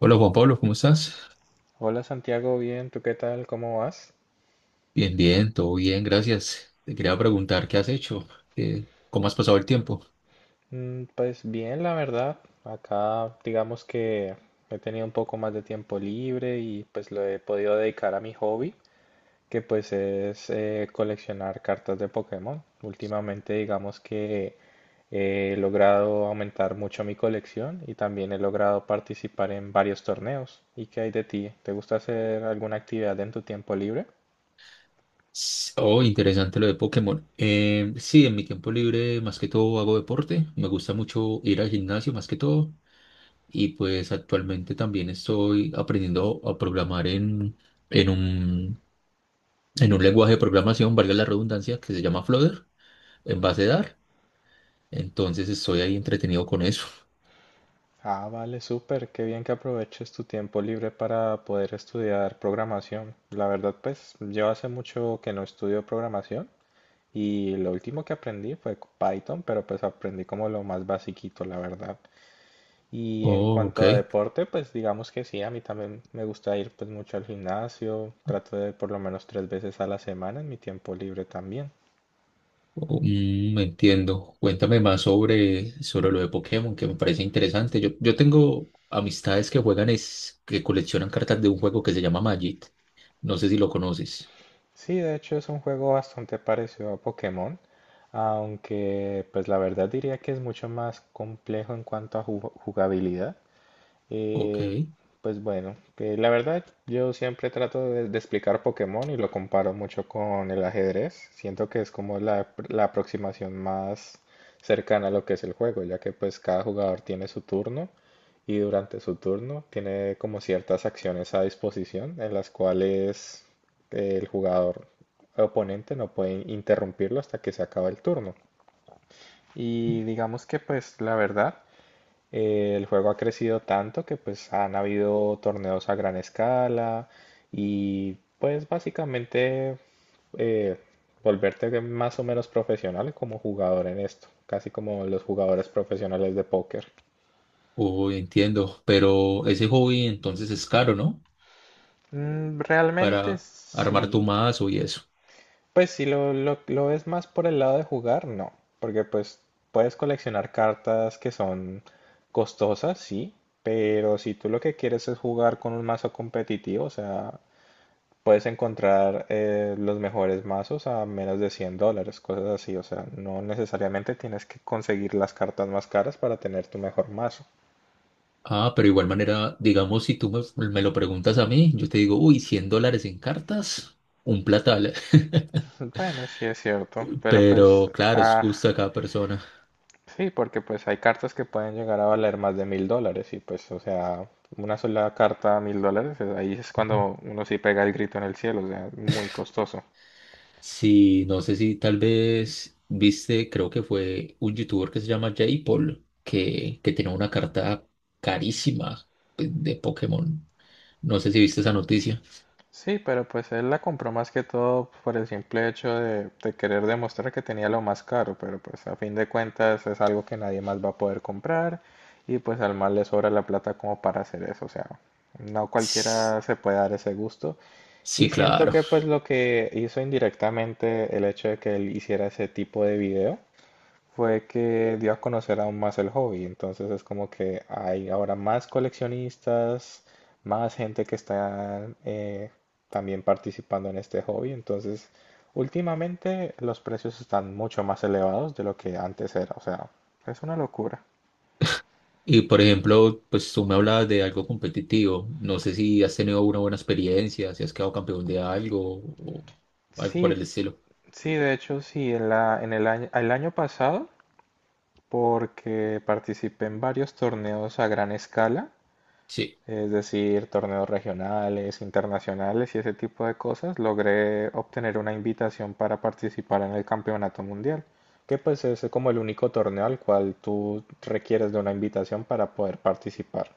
Hola Juan Pablo, ¿cómo estás? Hola Santiago, bien, ¿tú qué tal? ¿Cómo vas? Bien, bien, todo bien, gracias. Te quería preguntar qué has hecho. ¿ Cómo has pasado el tiempo. Pues bien, la verdad. Acá digamos que he tenido un poco más de tiempo libre y pues lo he podido dedicar a mi hobby, que pues es coleccionar cartas de Pokémon. Últimamente digamos que he logrado aumentar mucho mi colección y también he logrado participar en varios torneos. ¿Y qué hay de ti? ¿Te gusta hacer alguna actividad en tu tiempo libre? Oh, interesante lo de Pokémon. Sí, en mi tiempo libre más que todo hago deporte, me gusta mucho ir al gimnasio más que todo. Y pues actualmente también estoy aprendiendo a programar en un, en un lenguaje de programación, valga la redundancia, que se llama Flutter, en base de Dart. Entonces estoy ahí entretenido con eso. Ah, vale, súper, qué bien que aproveches tu tiempo libre para poder estudiar programación. La verdad, pues yo hace mucho que no estudio programación y lo último que aprendí fue Python, pero pues aprendí como lo más basiquito, la verdad. Y en Oh, ok. cuanto a deporte, pues digamos que sí, a mí también me gusta ir pues mucho al gimnasio, trato de por lo menos tres veces a la semana en mi tiempo libre también. Mm, entiendo. Cuéntame más sobre lo de Pokémon, que me parece interesante. Yo tengo amistades que juegan, que coleccionan cartas de un juego que se llama Magic. No sé si lo conoces. Sí, de hecho es un juego bastante parecido a Pokémon, aunque pues la verdad diría que es mucho más complejo en cuanto a jugabilidad. Ok. Eh, pues bueno, que la verdad yo siempre trato de explicar Pokémon y lo comparo mucho con el ajedrez. Siento que es como la aproximación más cercana a lo que es el juego, ya que pues cada jugador tiene su turno y durante su turno tiene como ciertas acciones a disposición en las cuales el jugador oponente no puede interrumpirlo hasta que se acaba el turno. Y digamos que pues la verdad el juego ha crecido tanto que pues han habido torneos a gran escala y pues básicamente eh, volverte más o menos profesional como jugador en esto, casi como los jugadores profesionales de póker. Oh, entiendo. Pero ese hobby entonces es caro, ¿no? Realmente Para armar sí. tu mazo y eso. Pues si lo ves más por el lado de jugar, no, porque pues puedes coleccionar cartas que son costosas, sí, pero si tú lo que quieres es jugar con un mazo competitivo, o sea, puedes encontrar los mejores mazos a menos de $100, cosas así. O sea, no necesariamente tienes que conseguir las cartas más caras para tener tu mejor mazo. Ah, pero igual manera, digamos, si tú me lo preguntas a mí, yo te digo, uy, 100 dólares en cartas, un platal. Bueno, sí es cierto, pero pues, Pero claro, es ah, justo a cada persona. sí, porque pues hay cartas que pueden llegar a valer más de $1.000 y pues, o sea, una sola carta a $1.000, ahí es cuando uno sí pega el grito en el cielo, o sea, muy costoso. Sí, no sé si tal vez viste, creo que fue un youtuber que se llama Jay Paul, que tenía una carta carísima pues, de Pokémon. No sé si viste esa noticia. Sí, pero pues él la compró más que todo por el simple hecho de querer demostrar que tenía lo más caro, pero pues a fin de cuentas es algo que nadie más va a poder comprar y pues al mal le sobra la plata como para hacer eso, o sea, no S- cualquiera se puede dar ese gusto y Sí, siento claro. que pues lo que hizo indirectamente el hecho de que él hiciera ese tipo de video fue que dio a conocer aún más el hobby. Entonces es como que hay ahora más coleccionistas, más gente que está también participando en este hobby. Entonces, últimamente los precios están mucho más elevados de lo que antes era. O sea, es una locura. Y por ejemplo, pues tú me hablabas de algo competitivo. No sé si has tenido una buena experiencia, si has quedado campeón de algo o algo por Sí, el estilo. sí, de hecho, sí, en la, en el año pasado, porque participé en varios torneos a gran escala. Sí, Es decir, torneos regionales, internacionales y ese tipo de cosas, logré obtener una invitación para participar en el Campeonato Mundial, que pues es como el único torneo al cual tú requieres de una invitación para poder participar.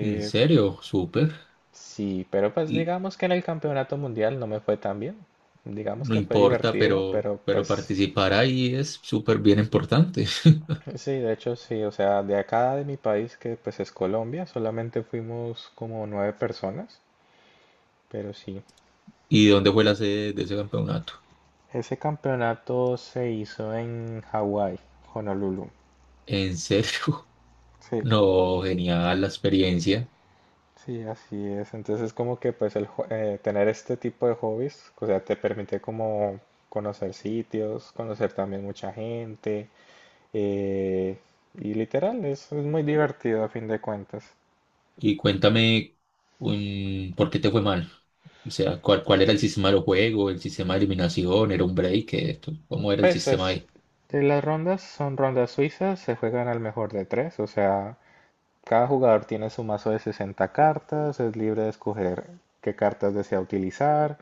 en serio, súper. sí, pero pues digamos que en el Campeonato Mundial no me fue tan bien. Digamos No que fue importa, divertido, pero, pero pero pues participar ahí es súper bien importante. sí, de hecho sí, o sea, de acá de mi país, que pues es Colombia, solamente fuimos como nueve personas, pero sí. ¿Y dónde fue la sede de ese campeonato? Ese campeonato se hizo en Hawái, Honolulu. ¿En serio? Sí, No, genial la experiencia. sí, así es. Entonces como que pues tener este tipo de hobbies, o sea, te permite como conocer sitios, conocer también mucha gente. eh, y literal, es muy divertido a fin de cuentas. Y cuéntame, ¿por qué te fue mal? O sea, ¿cuál era el sistema del juego? ¿El sistema de eliminación? ¿Era un break? Esto, ¿cómo era el Pues sistema ahí? Las rondas son rondas suizas, se juegan al mejor de tres, o sea, cada jugador tiene su mazo de 60 cartas, es libre de escoger qué cartas desea utilizar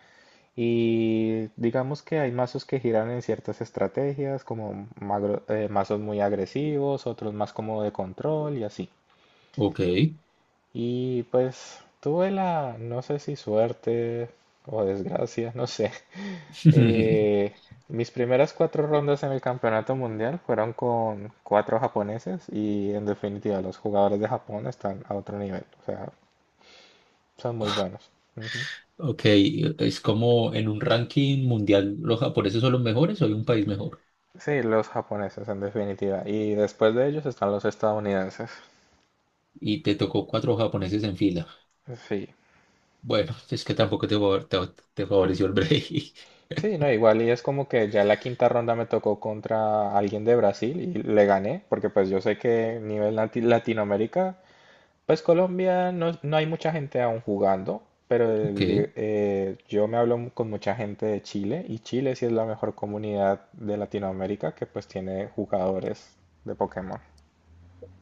y digamos que hay mazos que giran en ciertas estrategias, como mazos muy agresivos, otros más como de control y así. Ok. Y pues tuve la, no sé si suerte o desgracia, no sé. Eh, mis primeras cuatro rondas en el campeonato mundial fueron con cuatro japoneses y en definitiva los jugadores de Japón están a otro nivel, o sea, son muy buenos. Ujú. Ok, es como en un ranking mundial, ¿los japoneses son los mejores o hay un país mejor? Sí, los japoneses en definitiva. Y después de ellos están los estadounidenses. Y te tocó cuatro japoneses en fila. Sí. Bueno, es que tampoco te favoreció el break. Sí, no, igual y es como que ya la quinta ronda me tocó contra alguien de Brasil y le gané, porque pues yo sé que nivel Latinoamérica, pues Colombia no, no hay mucha gente aún jugando, pero Ok. Yo me hablo con mucha gente de Chile y Chile sí es la mejor comunidad de Latinoamérica que pues tiene jugadores de Pokémon.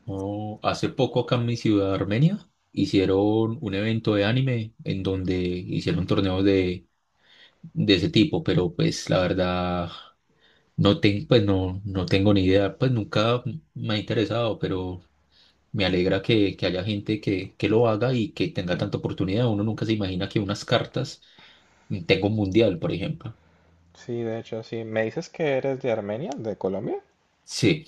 No, hace poco acá en mi ciudad, Armenia, hicieron un evento de anime en donde hicieron torneos de ese tipo, pero pues la verdad no, pues, no, no tengo ni idea, pues nunca me ha interesado, pero me alegra que haya gente que lo haga y que tenga tanta oportunidad. Uno nunca se imagina que unas cartas tenga un mundial, por ejemplo. Sí, de hecho, sí. ¿Me dices que eres de Armenia, de Colombia? Sí,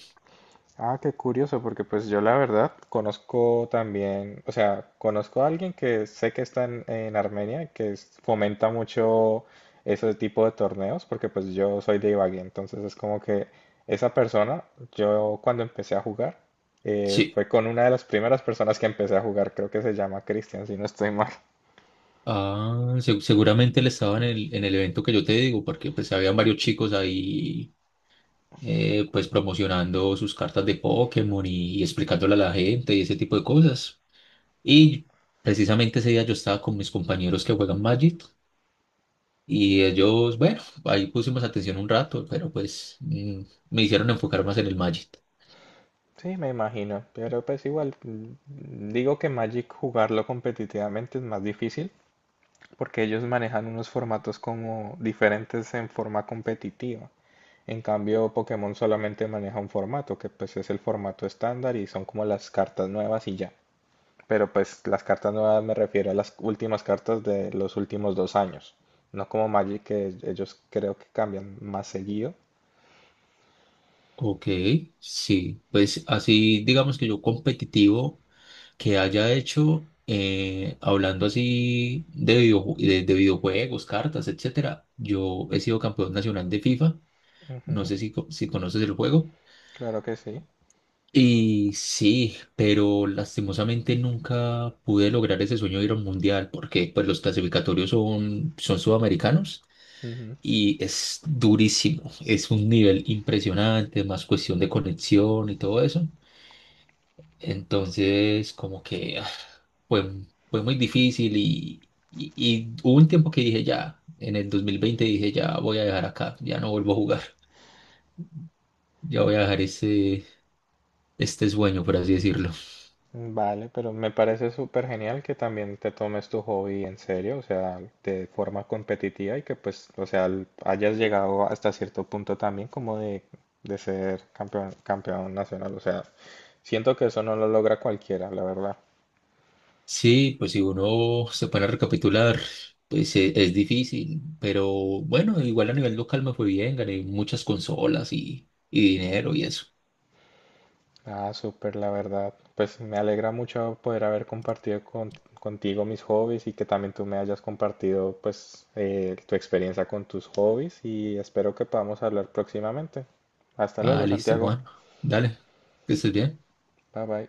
Ah, qué curioso, porque pues yo la verdad conozco también, o sea, conozco a alguien que sé que está en Armenia, que fomenta mucho ese tipo de torneos, porque pues yo soy de Ibagué, entonces es como que esa persona, yo cuando empecé a jugar, sí. fue con una de las primeras personas que empecé a jugar, creo que se llama Cristian, si no estoy mal. Ah, seguramente él estaba en el evento que yo te digo, porque pues habían varios chicos ahí pues promocionando sus cartas de Pokémon y explicándole a la gente y ese tipo de cosas. Y precisamente ese día yo estaba con mis compañeros que juegan Magic y ellos, bueno, ahí pusimos atención un rato, pero pues me hicieron enfocar más en el Magic. Sí, me imagino, pero pues igual, digo que Magic jugarlo competitivamente es más difícil. Porque ellos manejan unos formatos como diferentes en forma competitiva. En cambio, Pokémon solamente maneja un formato, que pues es el formato estándar y son como las cartas nuevas y ya. Pero pues las cartas nuevas me refiero a las últimas cartas de los últimos 2 años. No como Magic, que ellos creo que cambian más seguido. Ok, sí, pues así digamos que yo competitivo. Que haya hecho, hablando así de videojuegos, cartas, etcétera. Yo he sido campeón nacional de FIFA, no Ujú, sé si conoces el juego. claro que sí. Y sí, pero lastimosamente nunca pude lograr ese sueño de ir a un mundial porque pues, los clasificatorios son sudamericanos Ujú. y es durísimo, es un nivel impresionante, más cuestión de conexión y todo eso. Entonces, como que fue, fue muy difícil y hubo un tiempo que dije ya, en el 2020 dije ya voy a dejar acá, ya no vuelvo a jugar, ya voy a dejar este sueño, por así decirlo. Vale, pero me parece súper genial que también te tomes tu hobby en serio, o sea, de forma competitiva y que pues, o sea, hayas llegado hasta cierto punto también como de ser campeón, campeón nacional, o sea, siento que eso no lo logra cualquiera, la verdad. Sí, pues si uno se pone a recapitular, pues es difícil, pero bueno, igual a nivel local me fue bien, gané muchas consolas y dinero y eso. Ah, súper, la verdad. Pues me alegra mucho poder haber compartido contigo mis hobbies y que también tú me hayas compartido pues tu experiencia con tus hobbies y espero que podamos hablar próximamente. Hasta Ah, luego, listo, Santiago. Juan, dale, que estés bien. Bye bye.